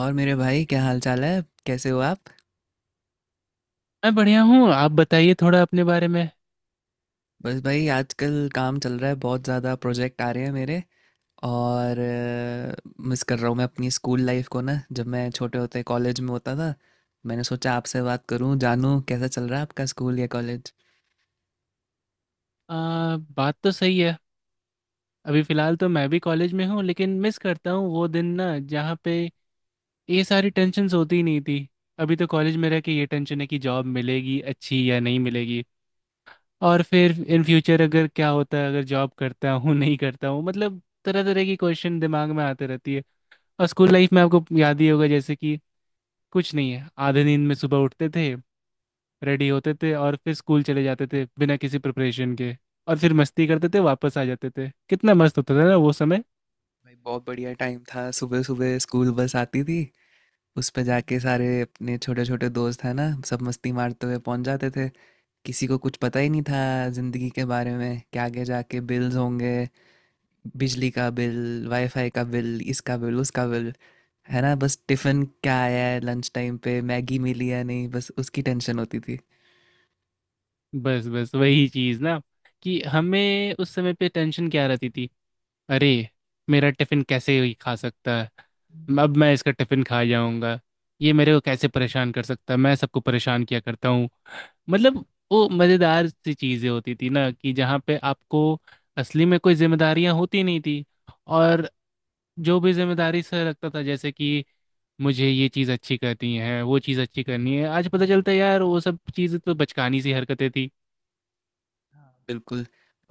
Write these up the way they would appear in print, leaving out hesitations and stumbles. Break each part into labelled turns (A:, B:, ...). A: और मेरे भाई क्या हाल चाल है, कैसे हो आप।
B: मैं बढ़िया हूँ। आप बताइए थोड़ा अपने बारे में।
A: बस भाई आजकल काम चल रहा है, बहुत ज़्यादा प्रोजेक्ट आ रहे हैं मेरे। और मिस कर रहा हूँ मैं अपनी स्कूल लाइफ को ना, जब मैं छोटे होते कॉलेज में होता था। मैंने सोचा आपसे बात करूँ, जानूँ कैसा चल रहा है आपका स्कूल या कॉलेज।
B: बात तो सही है। अभी फ़िलहाल तो मैं भी कॉलेज में हूँ, लेकिन मिस करता हूँ वो दिन ना जहाँ पे ये सारी टेंशन्स होती ही नहीं थी। अभी तो कॉलेज में रह के ये टेंशन है कि जॉब मिलेगी अच्छी या नहीं मिलेगी। और फिर इन फ्यूचर अगर क्या होता है, अगर जॉब करता हूँ नहीं करता हूँ, मतलब तरह तरह की क्वेश्चन दिमाग में आते रहती है। और स्कूल लाइफ में आपको याद ही होगा, जैसे कि कुछ नहीं है, आधे नींद में सुबह उठते थे, रेडी होते थे और फिर स्कूल चले जाते थे बिना किसी प्रिपरेशन के। और फिर मस्ती करते थे, वापस आ जाते थे। कितना मस्त होता था ना वो समय।
A: भाई बहुत बढ़िया टाइम था, सुबह सुबह स्कूल बस आती थी। उस पर जाके सारे अपने छोटे छोटे दोस्त हैं ना, सब मस्ती मारते हुए पहुंच जाते थे। किसी को कुछ पता ही नहीं था ज़िंदगी के बारे में कि आगे जाके बिल्स होंगे, बिजली का बिल, वाईफाई का बिल, इसका बिल, उसका बिल। है ना, बस टिफिन क्या आया है, लंच टाइम पे मैगी मिली या नहीं, बस उसकी टेंशन होती थी।
B: बस बस वही चीज़ ना, कि हमें उस समय पे टेंशन क्या रहती थी। अरे, मेरा टिफिन कैसे ही खा सकता है। अब मैं इसका टिफिन खा जाऊंगा। ये मेरे को कैसे परेशान कर सकता है, मैं सबको परेशान किया करता हूँ। मतलब वो मजेदार सी चीजें होती थी ना, कि जहाँ पे आपको असली में कोई जिम्मेदारियां होती नहीं थी। और जो भी जिम्मेदारी से लगता था, जैसे कि मुझे ये चीज़ अच्छी करनी है, वो चीज़ अच्छी करनी है। आज पता चलता है यार वो सब चीज़ें तो बचकानी सी हरकतें थी।
A: बिल्कुल।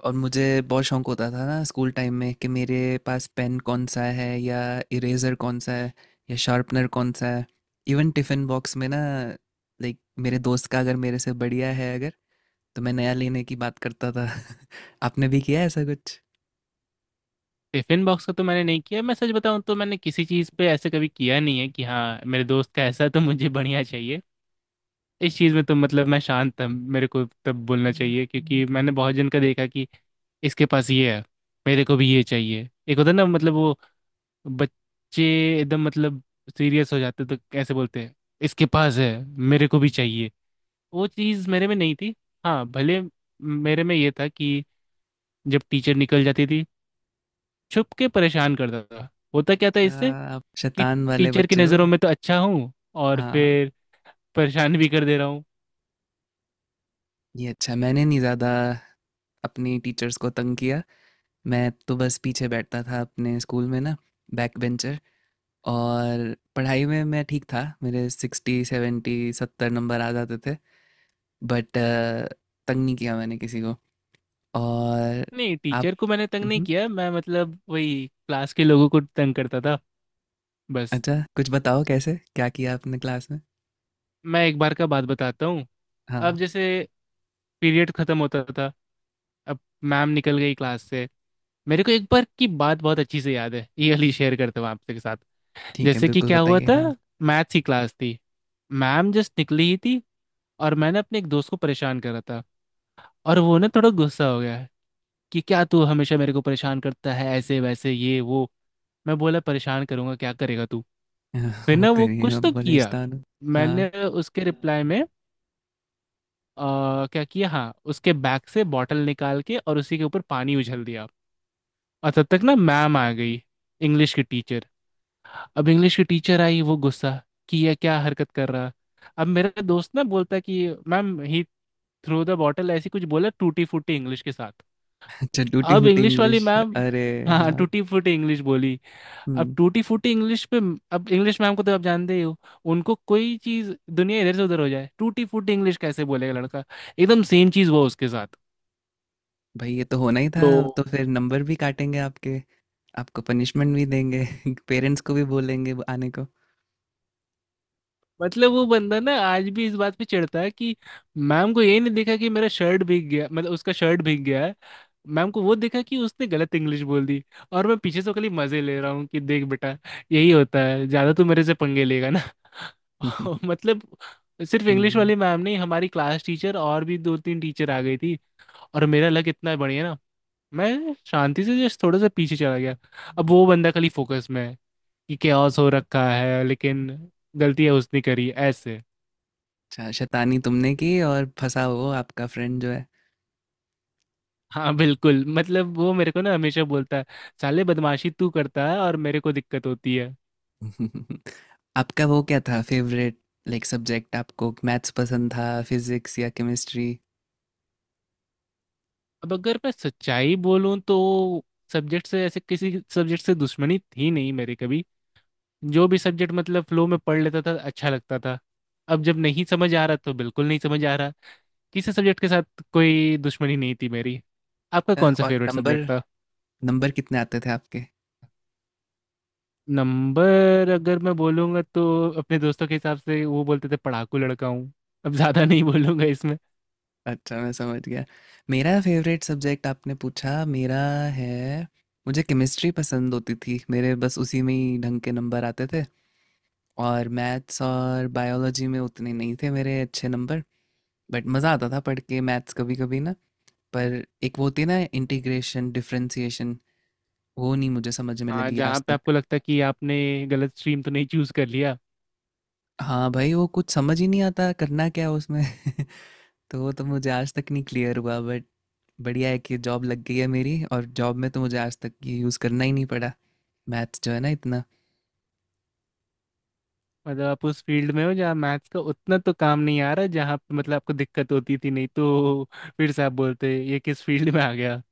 A: और मुझे बहुत शौक होता था ना स्कूल टाइम में कि मेरे पास पेन कौन सा है, या इरेजर कौन सा है, या शार्पनर कौन सा है। इवन टिफिन बॉक्स में ना, लाइक, मेरे दोस्त का अगर मेरे से बढ़िया है अगर, तो मैं नया लेने की बात करता था। आपने भी किया है ऐसा कुछ?
B: टिफिन बॉक्स का तो मैंने नहीं किया। मैं सच बताऊं तो मैंने किसी चीज़ पे ऐसे कभी किया नहीं है कि हाँ मेरे दोस्त का ऐसा है तो मुझे बढ़िया चाहिए। इस चीज़ में तो मतलब मैं शांत था, मेरे को तब बोलना चाहिए, क्योंकि मैंने बहुत जन का देखा कि इसके पास ये है, मेरे को भी ये चाहिए। एक होता है ना, मतलब वो बच्चे एकदम मतलब सीरियस हो जाते, तो कैसे बोलते हैं, इसके पास है, मेरे को भी चाहिए। वो चीज़ मेरे में नहीं थी। हाँ भले मेरे में ये था कि जब टीचर निकल जाती थी, छुप के परेशान करता था। होता क्या था
A: अच्छा,
B: इससे,
A: आप
B: कि
A: शैतान वाले
B: टीचर की
A: बच्चे हो।
B: नज़रों में तो अच्छा हूँ, और
A: हाँ।
B: फिर परेशान भी कर दे रहा हूँ।
A: ये अच्छा मैंने नहीं ज़्यादा अपनी टीचर्स को तंग किया। मैं तो बस पीछे बैठता था अपने स्कूल में ना, बैक बेंचर। और पढ़ाई में मैं ठीक था, मेरे 60 70 70 नंबर आ जाते थे। बट तंग नहीं किया मैंने किसी को। और
B: नहीं,
A: आप।
B: टीचर को मैंने तंग नहीं
A: मम्हम।
B: किया, मैं मतलब वही क्लास के लोगों को तंग करता था बस।
A: अच्छा कुछ बताओ, कैसे क्या किया आपने क्लास में?
B: मैं एक बार का बात बताता हूँ।
A: हाँ।
B: अब जैसे पीरियड ख़त्म होता था, अब मैम निकल गई क्लास से। मेरे को एक बार की बात बहुत अच्छी से याद है, ये अली शेयर करता हूँ आपके साथ।
A: ठीक है,
B: जैसे कि
A: बिल्कुल
B: क्या हुआ
A: बताइए।
B: था,
A: हाँ।
B: मैथ्स की क्लास थी, मैम जस्ट निकली ही थी और मैंने अपने एक दोस्त को परेशान करा था। और वो ना थोड़ा गुस्सा हो गया है कि क्या तू हमेशा मेरे को परेशान करता है, ऐसे वैसे ये वो। मैं बोला, परेशान करूंगा, क्या करेगा तू। फिर ना
A: होते
B: वो
A: नहीं
B: कुछ
A: हम
B: तो किया,
A: बलिस्तान। हाँ।
B: मैंने उसके रिप्लाई में क्या किया, हाँ, उसके बैग से बॉटल निकाल के और उसी के ऊपर पानी उछल दिया। और तब तक ना मैम आ गई, इंग्लिश की टीचर। अब इंग्लिश की टीचर आई, वो गुस्सा कि ये क्या हरकत कर रहा। अब मेरा दोस्त ना बोलता कि ma'am he threw the bottle, ऐसी कुछ बोला टूटी फूटी इंग्लिश के साथ।
A: अच्छा टूटी
B: अब
A: फूटी
B: इंग्लिश वाली
A: इंग्लिश।
B: मैम।
A: अरे।
B: हाँ,
A: हाँ।
B: टूटी फूटी इंग्लिश बोली। अब
A: हम्म।
B: टूटी फूटी इंग्लिश पे, अब इंग्लिश मैम को तो आप जानते ही हो, उनको कोई चीज दुनिया इधर से उधर हो जाए, टूटी फूटी इंग्लिश कैसे बोलेगा लड़का। एकदम सेम चीज हुआ उसके साथ।
A: भाई ये तो होना ही था।
B: तो
A: तो फिर नंबर भी काटेंगे आपके, आपको पनिशमेंट भी देंगे। पेरेंट्स को भी बोलेंगे वो आने को।
B: मतलब वो बंदा ना आज भी इस बात पे चिढ़ता है कि मैम को ये नहीं दिखा कि मेरा शर्ट भीग गया, मतलब उसका शर्ट भीग गया है। मैम को वो दिखा कि उसने गलत इंग्लिश बोल दी। और मैं पीछे से खाली मजे ले रहा हूँ कि देख बेटा यही होता है, ज्यादा तू मेरे से पंगे लेगा। मतलब सिर्फ इंग्लिश
A: हम्म,
B: वाली मैम नहीं, हमारी क्लास टीचर और भी दो तीन टीचर आ गई थी। और मेरा लक इतना बढ़िया ना, मैं शांति से जस्ट थोड़ा सा पीछे चला गया। अब वो बंदा खाली फोकस में है कि कैओस हो रखा है, लेकिन गलतियां उसने करी ऐसे।
A: अच्छा शैतानी तुमने की और फंसा वो आपका फ्रेंड जो है।
B: हाँ बिल्कुल, मतलब वो मेरे को ना हमेशा बोलता है, साले बदमाशी तू करता है और मेरे को दिक्कत होती है।
A: आपका वो क्या था फेवरेट, लाइक सब्जेक्ट? आपको मैथ्स पसंद था, फिजिक्स या केमिस्ट्री?
B: अब अगर मैं सच्चाई बोलूं तो सब्जेक्ट से ऐसे किसी सब्जेक्ट से दुश्मनी थी नहीं मेरी कभी। जो भी सब्जेक्ट मतलब फ्लो में पढ़ लेता था, अच्छा लगता था। अब जब नहीं समझ आ रहा तो बिल्कुल नहीं समझ आ रहा। किसी सब्जेक्ट के साथ कोई दुश्मनी नहीं थी मेरी। आपका कौन सा
A: और
B: फेवरेट सब्जेक्ट
A: नंबर,
B: था?
A: नंबर कितने आते थे आपके?
B: नंबर अगर मैं बोलूँगा तो अपने दोस्तों के हिसाब से वो बोलते थे पढ़ाकू लड़का हूँ। अब ज़्यादा नहीं बोलूँगा इसमें।
A: अच्छा, मैं समझ गया। मेरा फ़ेवरेट सब्जेक्ट आपने पूछा, मेरा है, मुझे केमिस्ट्री पसंद होती थी। मेरे बस उसी में ही ढंग के नंबर आते थे। और मैथ्स और बायोलॉजी में उतने नहीं थे मेरे अच्छे नंबर, बट मज़ा आता था पढ़ के मैथ्स कभी-कभी ना। पर एक वो होती है ना, इंटीग्रेशन, डिफ़रेंशिएशन, वो नहीं मुझे समझ में
B: हाँ,
A: लगी
B: जहाँ
A: आज
B: पे
A: तक।
B: आपको लगता है कि आपने गलत स्ट्रीम तो नहीं चूज़ कर लिया।
A: हाँ भाई, वो कुछ समझ ही नहीं आता करना क्या है उसमें। तो वो तो मुझे आज तक नहीं क्लियर हुआ, बट बढ़िया है कि जॉब लग गई है मेरी, और जॉब में तो मुझे आज तक ये यूज़ करना ही नहीं पड़ा, मैथ्स जो है ना इतना।
B: मतलब आप उस फील्ड में हो जहाँ मैथ्स का उतना तो काम नहीं आ रहा, जहाँ पे मतलब आपको दिक्कत होती थी, नहीं तो फिर से आप बोलते ये किस फील्ड में आ गया।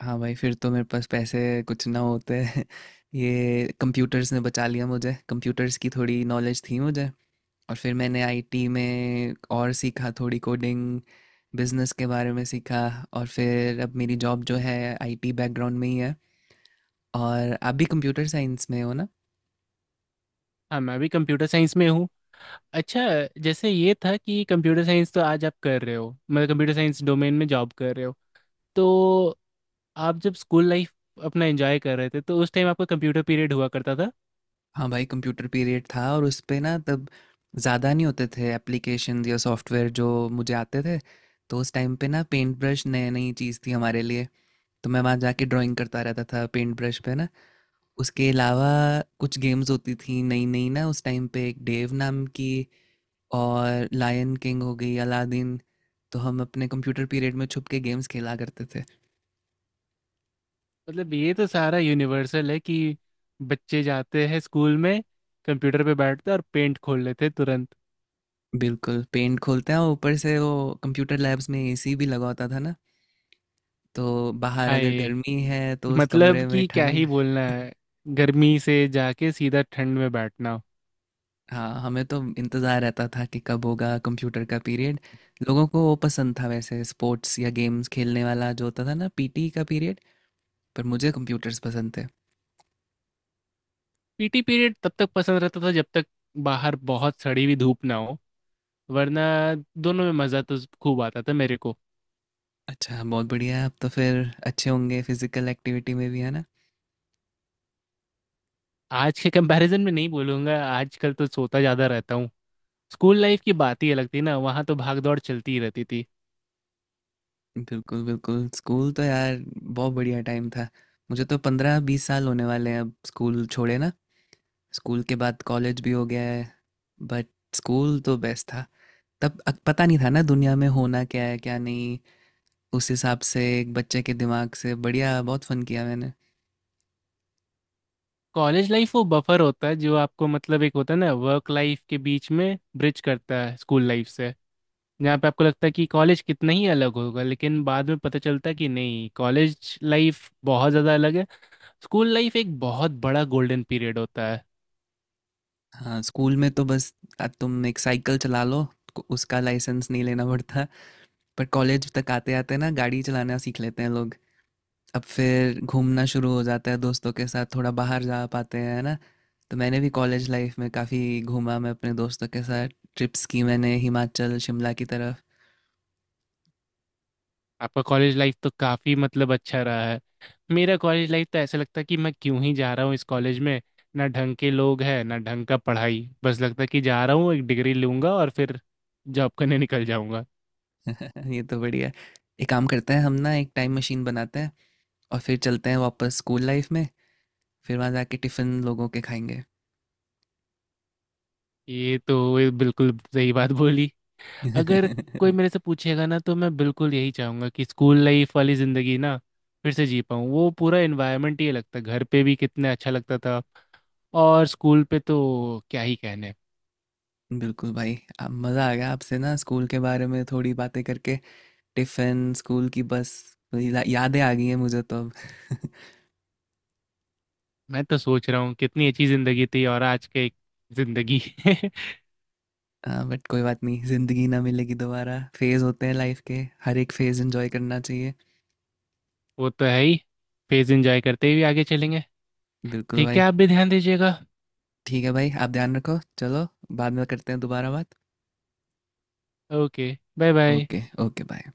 A: हाँ भाई, फिर तो मेरे पास पैसे कुछ ना होते हैं। ये कंप्यूटर्स ने बचा लिया मुझे, कंप्यूटर्स की थोड़ी नॉलेज थी मुझे। और फिर मैंने आईटी में और सीखा, थोड़ी कोडिंग, बिजनेस के बारे में सीखा। और फिर अब मेरी जॉब जो है आईटी बैकग्राउंड में ही है। और आप भी कंप्यूटर साइंस में हो ना?
B: हाँ, मैं भी कंप्यूटर साइंस में हूँ। अच्छा, जैसे ये था कि कंप्यूटर साइंस तो आज आप कर रहे हो, मतलब कंप्यूटर साइंस डोमेन में जॉब कर रहे हो, तो आप जब स्कूल लाइफ अपना एंजॉय कर रहे थे तो उस टाइम आपका कंप्यूटर पीरियड हुआ करता था।
A: हाँ भाई, कंप्यूटर पीरियड था और उस पे ना तब ज़्यादा नहीं होते थे एप्लीकेशंस या सॉफ्टवेयर जो मुझे आते थे। तो उस टाइम पे ना पेंट ब्रश नई नई चीज़ थी हमारे लिए। तो मैं वहाँ जाके ड्राइंग करता रहता था पेंट ब्रश पे ना। उसके अलावा कुछ गेम्स होती थी नई नई ना उस टाइम पे, एक डेव नाम की, और लायन किंग हो गई, अलादीन। तो हम अपने कंप्यूटर पीरियड में छुप के गेम्स खेला करते थे।
B: मतलब ये तो सारा यूनिवर्सल है कि बच्चे जाते हैं स्कूल में, कंप्यूटर पे बैठते हैं और पेंट खोल लेते हैं तुरंत।
A: बिल्कुल पेंट खोलते हैं, और ऊपर से वो, कंप्यूटर लैब्स में एसी भी लगा होता था ना। तो बाहर अगर
B: हाय,
A: गर्मी है तो उस
B: मतलब
A: कमरे में
B: कि क्या ही
A: ठंड।
B: बोलना है, गर्मी से जाके सीधा ठंड में बैठना।
A: हाँ हमें तो इंतज़ार रहता था कि कब होगा कंप्यूटर का पीरियड। लोगों को वो पसंद था वैसे, स्पोर्ट्स या गेम्स खेलने वाला जो होता था ना, पीटी का पीरियड। पर मुझे कंप्यूटर्स पसंद थे।
B: पीटी पीरियड तब तक पसंद रहता था जब तक बाहर बहुत सड़ी हुई धूप ना हो, वरना दोनों में मज़ा तो खूब आता था मेरे को।
A: अच्छा बहुत बढ़िया है, अब तो फिर अच्छे होंगे फिजिकल एक्टिविटी में भी है ना।
B: आज के कंपैरिजन में नहीं बोलूँगा, आजकल तो सोता ज़्यादा रहता हूँ। स्कूल लाइफ की बात ही अलग थी ना, वहाँ तो भाग दौड़ चलती ही रहती थी।
A: बिल्कुल बिल्कुल, स्कूल तो यार बहुत बढ़िया टाइम था। मुझे तो 15-20 साल होने वाले हैं अब स्कूल छोड़े ना, स्कूल के बाद कॉलेज भी हो गया है, बट स्कूल तो बेस्ट था। तब पता नहीं था ना दुनिया में होना क्या है क्या नहीं, उस हिसाब से एक बच्चे के दिमाग से बढ़िया बहुत फन किया मैंने।
B: कॉलेज लाइफ वो बफर होता है जो आपको मतलब एक होता है ना वर्क लाइफ के बीच में ब्रिज करता है स्कूल लाइफ से। जहाँ पे आपको लगता है कि कॉलेज कितना ही अलग होगा, लेकिन बाद में पता चलता है कि नहीं, कॉलेज लाइफ बहुत ज़्यादा अलग है। स्कूल लाइफ एक बहुत बड़ा गोल्डन पीरियड होता है।
A: हाँ स्कूल में तो बस, तुम एक साइकिल चला लो, उसका लाइसेंस नहीं लेना पड़ता। पर कॉलेज तक आते आते ना गाड़ी चलाना सीख लेते हैं लोग, अब फिर घूमना शुरू हो जाता है दोस्तों के साथ, थोड़ा बाहर जा पाते हैं है ना। तो मैंने भी कॉलेज लाइफ में काफ़ी घूमा, मैं अपने दोस्तों के साथ ट्रिप्स की मैंने, हिमाचल शिमला की तरफ।
B: आपका कॉलेज लाइफ तो काफी मतलब अच्छा रहा है। मेरा कॉलेज लाइफ तो ऐसा लगता है कि मैं क्यों ही जा रहा हूँ इस कॉलेज में, ना ढंग के लोग हैं ना ढंग का पढ़ाई, बस लगता है कि जा रहा हूँ, एक डिग्री लूंगा और फिर जॉब करने निकल जाऊंगा।
A: ये तो बढ़िया, एक काम करते हैं हम ना, एक टाइम मशीन बनाते हैं और फिर चलते हैं वापस स्कूल लाइफ में, फिर वहाँ जाके टिफ़िन लोगों के खाएंगे।
B: ये तो ये बिल्कुल सही बात बोली। अगर कोई मेरे से पूछेगा ना तो मैं बिल्कुल यही चाहूंगा कि स्कूल लाइफ वाली जिंदगी ना फिर से जी पाऊँ। वो पूरा एनवायरनमेंट ही लगता, घर पे भी कितना अच्छा लगता था, और स्कूल पे तो क्या ही कहने।
A: बिल्कुल भाई, अब मज़ा आ गया आपसे ना स्कूल के बारे में थोड़ी बातें करके, टिफ़िन, स्कूल की बस, वही यादें आ गई हैं मुझे तो अब।
B: मैं तो सोच रहा हूँ कितनी अच्छी जिंदगी थी और आज के जिंदगी।
A: हाँ बट कोई बात नहीं, ज़िंदगी ना मिलेगी दोबारा, फेज़ होते हैं लाइफ के, हर एक फेज़ एंजॉय करना चाहिए।
B: वो तो है ही, फेज एंजॉय करते हुए आगे चलेंगे।
A: बिल्कुल
B: ठीक है,
A: भाई।
B: आप भी ध्यान दीजिएगा।
A: ठीक है भाई, आप ध्यान रखो, चलो बाद में करते हैं दोबारा बात।
B: Okay, bye bye.
A: Okay okay bye.